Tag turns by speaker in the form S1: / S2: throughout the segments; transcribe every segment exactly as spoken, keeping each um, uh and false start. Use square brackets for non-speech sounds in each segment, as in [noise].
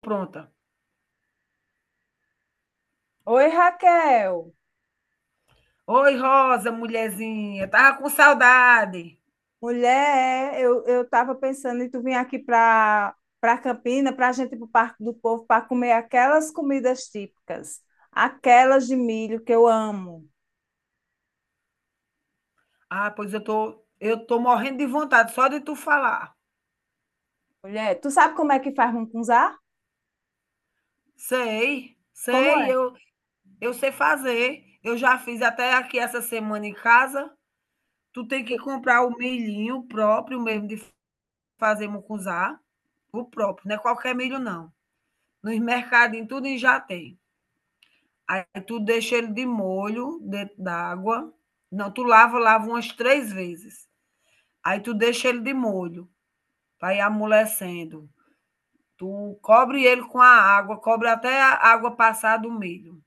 S1: Pronta.
S2: Oi, Raquel.
S1: Oi, Rosa, mulherzinha, estava com saudade.
S2: Mulher, é, eu, eu estava pensando em tu vir aqui para para Campina, para a gente ir para o Parque do Povo, para comer aquelas comidas típicas, aquelas de milho que eu amo.
S1: Ah, pois eu tô eu tô morrendo de vontade só de tu falar.
S2: Mulher, tu sabe como é que faz mungunzá?
S1: Sei,
S2: Como é?
S1: sei, eu eu sei fazer. Eu já fiz até aqui essa semana em casa. Tu tem que comprar o milhinho próprio mesmo de fazer mucunzá, o próprio, não é qualquer milho não. Nos mercadinhos tudinho já tem. Aí tu deixa ele de molho dentro d'água. Não, tu lava, lava umas três vezes. Aí tu deixa ele de molho. Vai amolecendo. Tu cobre ele com a água, cobre até a água passar do milho.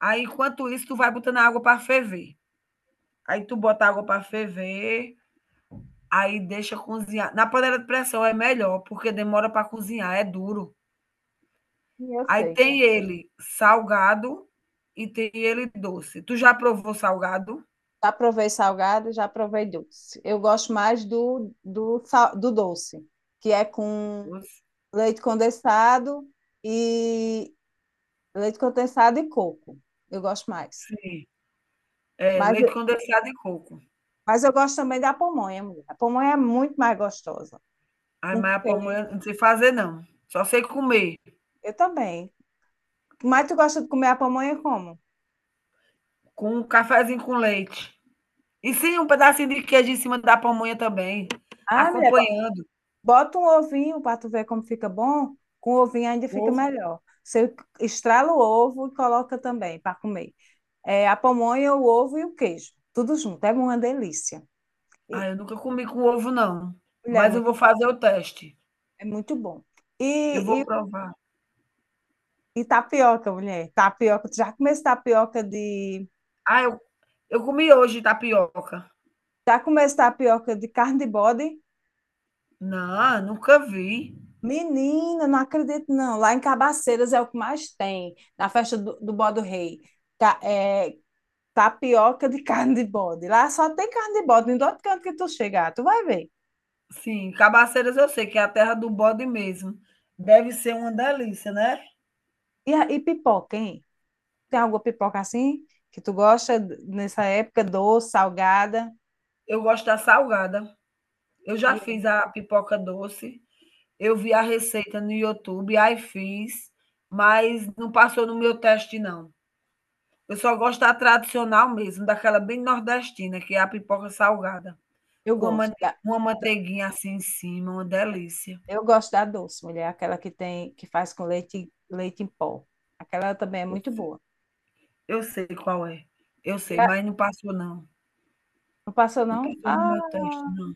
S1: Aí, enquanto isso, tu vai botando a água para ferver. Aí tu bota a água para ferver, aí deixa cozinhar. Na panela de pressão é melhor, porque demora para cozinhar, é duro.
S2: Sim, eu
S1: Aí
S2: sei, né?
S1: tem ele salgado e tem ele doce. Tu já provou salgado?
S2: Já provei salgado, já provei doce. Eu gosto mais do, do, sal- do doce, que é com
S1: Doce?
S2: leite condensado e leite condensado e coco. Eu gosto mais.
S1: Sim. É,
S2: Mas
S1: leite condensado e coco.
S2: Mas eu gosto também da pamonha, mulher. A pamonha é muito mais gostosa.
S1: Ai,
S2: Com
S1: mas a
S2: queijo.
S1: pamonha não sei fazer, não. Só sei comer.
S2: Eu também. Mas tu gosta de comer a pamonha como?
S1: Com um cafezinho com leite. E sim, um pedacinho de queijo em cima da pamonha também,
S2: Ah, mulher, bo-
S1: acompanhando.
S2: bota um ovinho para tu ver como fica bom. Com o ovinho ainda fica
S1: Ovo.
S2: melhor. Você estrala o ovo e coloca também para comer. É, a pamonha, o ovo e o queijo. Tudo junto. É uma delícia. E,
S1: Ah, eu nunca comi com ovo, não.
S2: mulher, é
S1: Mas eu vou
S2: muito,
S1: fazer o teste.
S2: é muito bom.
S1: Eu
S2: E,
S1: vou
S2: e,
S1: provar.
S2: e tapioca, mulher. Tapioca. Tu já comeu tapioca de...
S1: Ah, eu, eu comi hoje tapioca.
S2: Já comeu tapioca de carne de bode?
S1: Não, nunca vi.
S2: Menina, não acredito não. Lá em Cabaceiras é o que mais tem, na festa do, do Bode Rei. Tá, é, Tapioca de [laughs] carne de bode. Lá só tem carne de bode, em todo canto que tu chegar, tu vai ver.
S1: Sim, Cabaceiras eu sei que é a terra do bode mesmo. Deve ser uma delícia, né?
S2: E, a- e pipoca, hein? Tem alguma pipoca assim que tu gosta d- nessa época, doce, salgada?
S1: Eu gosto da salgada. Eu
S2: E
S1: já fiz
S2: é-
S1: a pipoca doce. Eu vi a receita no YouTube, aí fiz, mas não passou no meu teste, não. Eu só gosto da tradicional mesmo, daquela bem nordestina, que é a pipoca salgada,
S2: eu
S1: com uma
S2: gosto
S1: mante
S2: da,
S1: uma
S2: da-
S1: manteiguinha assim em cima, uma delícia.
S2: eu gosto da doce, mulher, aquela que tem que faz com leite leite em pó. Aquela também é
S1: Eu
S2: muito
S1: se
S2: boa.
S1: eu sei qual é, eu
S2: E
S1: sei,
S2: a-
S1: mas não passou não,
S2: não passou
S1: não
S2: não?
S1: passou
S2: Ah,
S1: no meu teste não.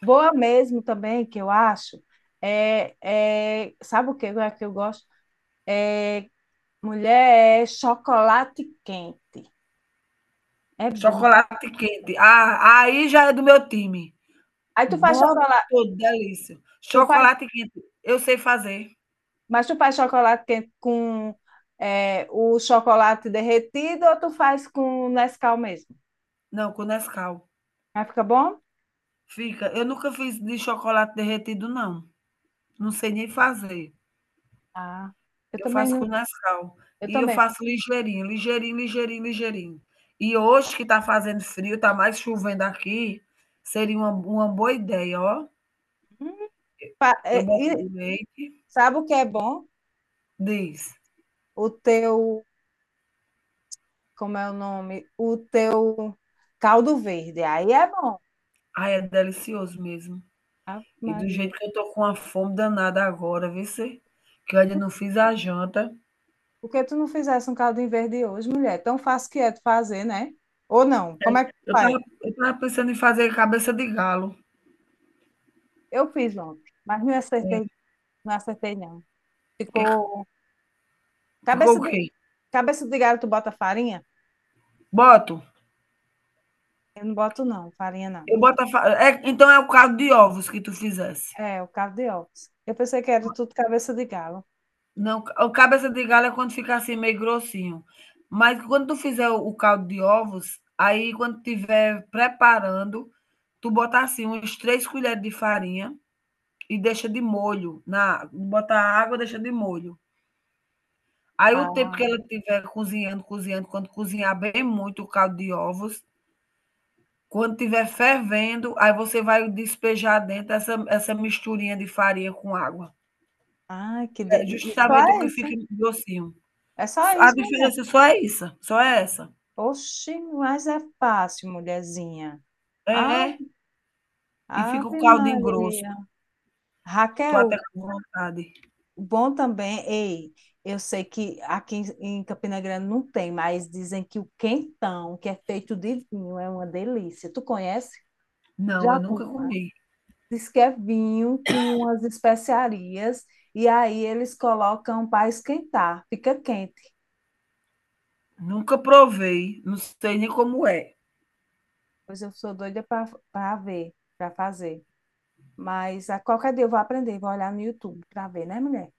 S2: boa mesmo também, que eu acho, é, é- sabe o que é que eu gosto? É, mulher, é chocolate quente. É bom.
S1: Chocolate quente, ah, aí já é do meu time.
S2: Aí tu faz
S1: Bom
S2: chocolate,
S1: todo, delícia.
S2: tu faz,
S1: Chocolate quente, eu sei fazer.
S2: mas tu faz chocolate quente com é, o chocolate derretido ou tu faz com Nescau mesmo?
S1: Não, com Nescau.
S2: Aí fica bom?
S1: Fica eu nunca fiz de chocolate derretido não, não sei nem fazer.
S2: Ah, eu
S1: Eu
S2: também,
S1: faço
S2: não-
S1: com Nescau.
S2: eu
S1: E eu
S2: também. fa-
S1: faço ligeirinho, ligeirinho, ligeirinho, ligeirinho. E hoje que está fazendo frio, está mais chovendo aqui, seria uma uma boa ideia, ó.
S2: Hum, fa-
S1: Eu
S2: é,
S1: boto
S2: e
S1: o leite
S2: sabe o que é bom?
S1: diz.
S2: O teu, como é o nome? O teu caldo verde. Aí é bom.
S1: Ai, é delicioso mesmo.
S2: Ave
S1: E do
S2: Maria.
S1: jeito que eu tô com uma fome danada agora, vice, que eu ainda não fiz a janta.
S2: Por que tu não fizesse um caldinho verde hoje, mulher? Tão fácil que é de fazer, né? Ou não? Como é que tu
S1: Eu
S2: faz?
S1: tava eu tava pensando em fazer cabeça de galo.
S2: Eu fiz ontem, mas não
S1: É,
S2: acertei, não acertei não.
S1: que
S2: Ficou
S1: ficou
S2: cabeça
S1: o
S2: de
S1: quê?
S2: cabeça de galho, tu bota farinha?
S1: Boto?
S2: Eu não boto não, farinha não.
S1: Eu boto a fa é, então é o caldo de ovos que tu fizesse.
S2: É, o caldo de ovos. Eu pensei que era tudo cabeça de galo.
S1: Não, o cabeça de galho é quando fica assim meio grossinho. Mas quando tu fizer o o caldo de ovos, aí quando tiver preparando, tu bota assim uns três colheres de farinha e deixa de molho na bota a água, deixa de molho. Aí o
S2: Ah,
S1: tempo que ela estiver cozinhando, cozinhando, quando cozinhar bem muito o caldo de ovos, quando estiver fervendo, aí você vai despejar dentro essa essa misturinha de farinha com água.
S2: ai, que de...
S1: É
S2: e e só
S1: justamente o
S2: é
S1: que fica
S2: isso.
S1: grossinho.
S2: É só
S1: A
S2: isso, mulher.
S1: diferença só é isso, só é essa.
S2: Oxi, mas é fácil, mulherzinha.
S1: É, é,
S2: Ave,
S1: e fica o
S2: Ave
S1: caldinho grosso.
S2: Maria.
S1: Tô até
S2: Raquel,
S1: com vontade.
S2: bom também, ei, eu sei que aqui em em Campina Grande não tem, mas dizem que o quentão, que é feito de vinho, é uma delícia. Tu conhece?
S1: Não,
S2: Já
S1: eu nunca
S2: comi lá.
S1: comi,
S2: Diz que é vinho com umas especiarias e aí eles colocam para esquentar, fica quente.
S1: nunca provei, não sei nem como é.
S2: Pois eu sou doida para ver, para fazer. Mas a qualquer dia eu vou aprender, vou olhar no YouTube para ver, né, mulher?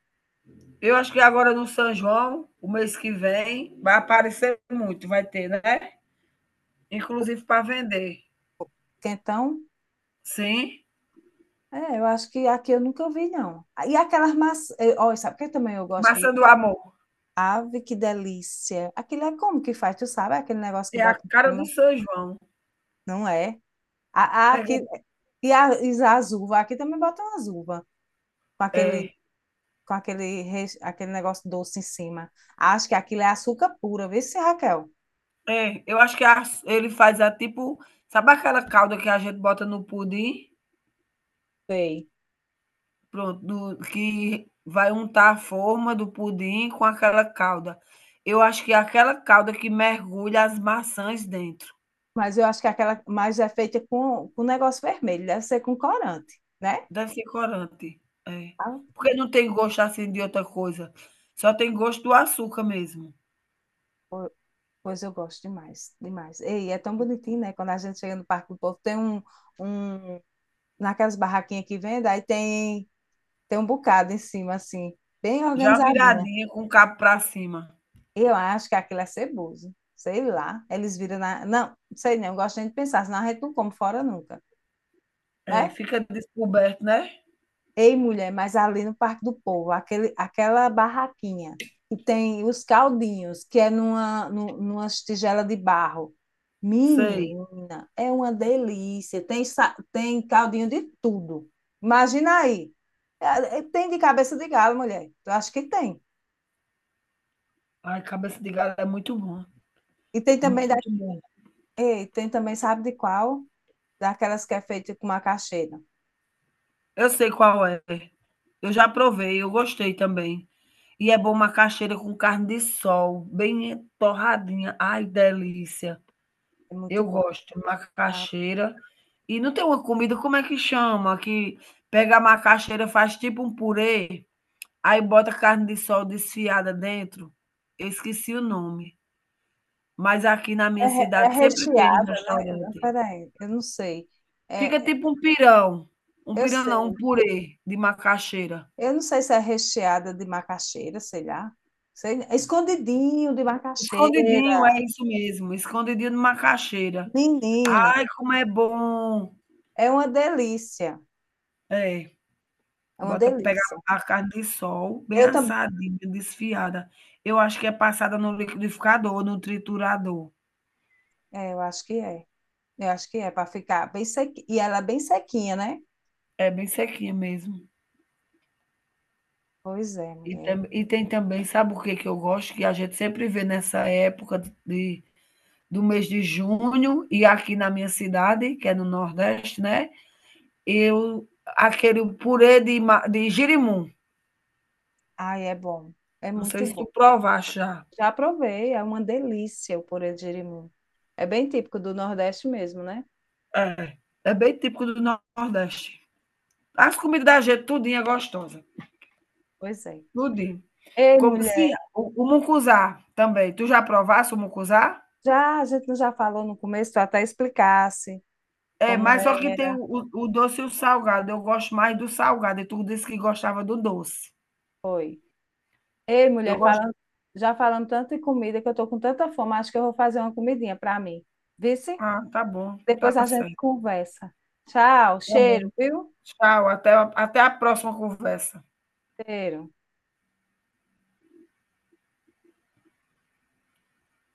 S1: Eu acho que agora no São João, o mês que vem, vai aparecer muito, vai ter, né, inclusive para vender.
S2: Quentão,
S1: Sim,
S2: é, eu acho que aqui eu nunca vi, não. E aquelas maçãs, olha, sabe o que também eu gosto de...
S1: maçã do amor,
S2: Ave, que delícia. Aquilo é como que faz, tu sabe? Aquele negócio que
S1: é a
S2: bota em
S1: cara do
S2: cima.
S1: São João.
S2: Não é? A, a, aqui,
S1: Pega
S2: e a, e as uvas. Aqui também botam as uvas. Com aquele,
S1: é,
S2: com aquele, res- aquele negócio doce em cima. Acho que aquilo é açúcar puro. Vê se, Raquel.
S1: é, eu acho que a ele faz a tipo sabe aquela calda que a gente bota no pudim?
S2: Sei.
S1: Pronto, do que vai untar a forma do pudim com aquela calda. Eu acho que é aquela calda que mergulha as maçãs dentro.
S2: Mas eu acho que aquela mais é feita com, com negócio vermelho. Deve ser com corante, né?
S1: Deve ser corante, é.
S2: Ah,
S1: Porque não tem gosto, assim, de outra coisa, só tem gosto do açúcar mesmo.
S2: po- pois eu gosto demais, demais. Ei, é tão bonitinho, né? Quando a gente chega no Parque do Povo, tem um... um, naquelas barraquinhas que vende, aí tem, tem um bocado em cima, assim, bem
S1: Já
S2: organizadinha.
S1: viradinha com o cabo pra cima.
S2: Eu acho que aquilo é ceboso. Sei lá. Eles viram na. Não, sei não, eu gosto nem de pensar, senão a gente não come fora nunca,
S1: É,
S2: né?
S1: fica descoberto, né.
S2: Ei, mulher, mas ali no Parque do Povo, aquele, aquela barraquinha que tem os caldinhos, que é numa, nu- numa tigela de barro.
S1: Sei.
S2: Menina, é uma delícia. Tem, sa- tem caldinho de tudo. Imagina aí. É, é, Tem de cabeça de galo, mulher. Eu acho que tem.
S1: Ai, cabeça de galo é muito bom,
S2: E tem também da
S1: muito bom.
S2: E tem também, sabe de qual? Daquelas que é feita com macaxeira.
S1: Eu sei qual é. Eu já provei, eu gostei também. E é bom macaxeira com carne de sol, bem torradinha. Ai, delícia.
S2: É muito
S1: Eu
S2: bom.
S1: gosto de
S2: Tá?
S1: macaxeira. E não tem uma comida, como é que chama? Que pega a macaxeira, faz tipo um purê, aí bota carne de sol desfiada dentro. Eu esqueci o nome, mas aqui na
S2: É,
S1: minha
S2: re- é
S1: cidade sempre tem um
S2: recheada, né?
S1: restaurante.
S2: Peraí, eu não sei.
S1: Fica
S2: É, é,
S1: tipo um pirão. Um
S2: eu
S1: pirão não, um
S2: sei.
S1: purê de macaxeira.
S2: Eu não sei se é recheada de macaxeira, sei lá. Sei, é escondidinho de macaxeira.
S1: Escondidinho, é isso mesmo, escondidinho de macaxeira.
S2: Menina,
S1: Ai, como é bom!
S2: é uma delícia.
S1: É,
S2: É uma
S1: bota pega
S2: delícia.
S1: a carne de sol bem
S2: Eu também.
S1: assadinha, desfiada. Eu acho que é passada no liquidificador, no triturador.
S2: É, eu acho que é. Eu acho que é para ficar bem sequinha. E ela é bem sequinha, né?
S1: É bem sequinha mesmo.
S2: Pois é,
S1: E
S2: mulher.
S1: tam e tem também, sabe o que que eu gosto? Que a gente sempre vê nessa época de do mês de junho e aqui na minha cidade, que é no Nordeste, né, eu aquele purê de ma de jerimum.
S2: Ai, é bom. É
S1: Não sei
S2: muito
S1: se
S2: bom.
S1: tu provaste já.
S2: Já provei, é uma delícia o purê de jerimum. É bem típico do Nordeste mesmo, né?
S1: É, é bem típico do Nordeste. As comidas da gente tudinho é gostosa,
S2: Pois é.
S1: tudinho.
S2: Ei,
S1: Como sim,
S2: mulher,
S1: o o mucuzá também. Tu já provaste o mucuzá?
S2: já a gente não já falou no começo, tu até explicasse
S1: É,
S2: como
S1: mas só que tem
S2: era.
S1: o o o doce e o salgado. Eu gosto mais do salgado e tu disse que gostava do doce.
S2: Foi. Ei,
S1: Eu
S2: mulher,
S1: gosto
S2: falando, já falando tanto de comida que eu tô com tanta fome, acho que eu vou fazer uma comidinha para mim. Vice?
S1: ah, tá bom,
S2: Depois
S1: tá
S2: a gente
S1: certo.
S2: conversa. Tchau,
S1: Tá bom.
S2: cheiro, viu?
S1: Tchau, até a até a próxima conversa.
S2: Cheiro.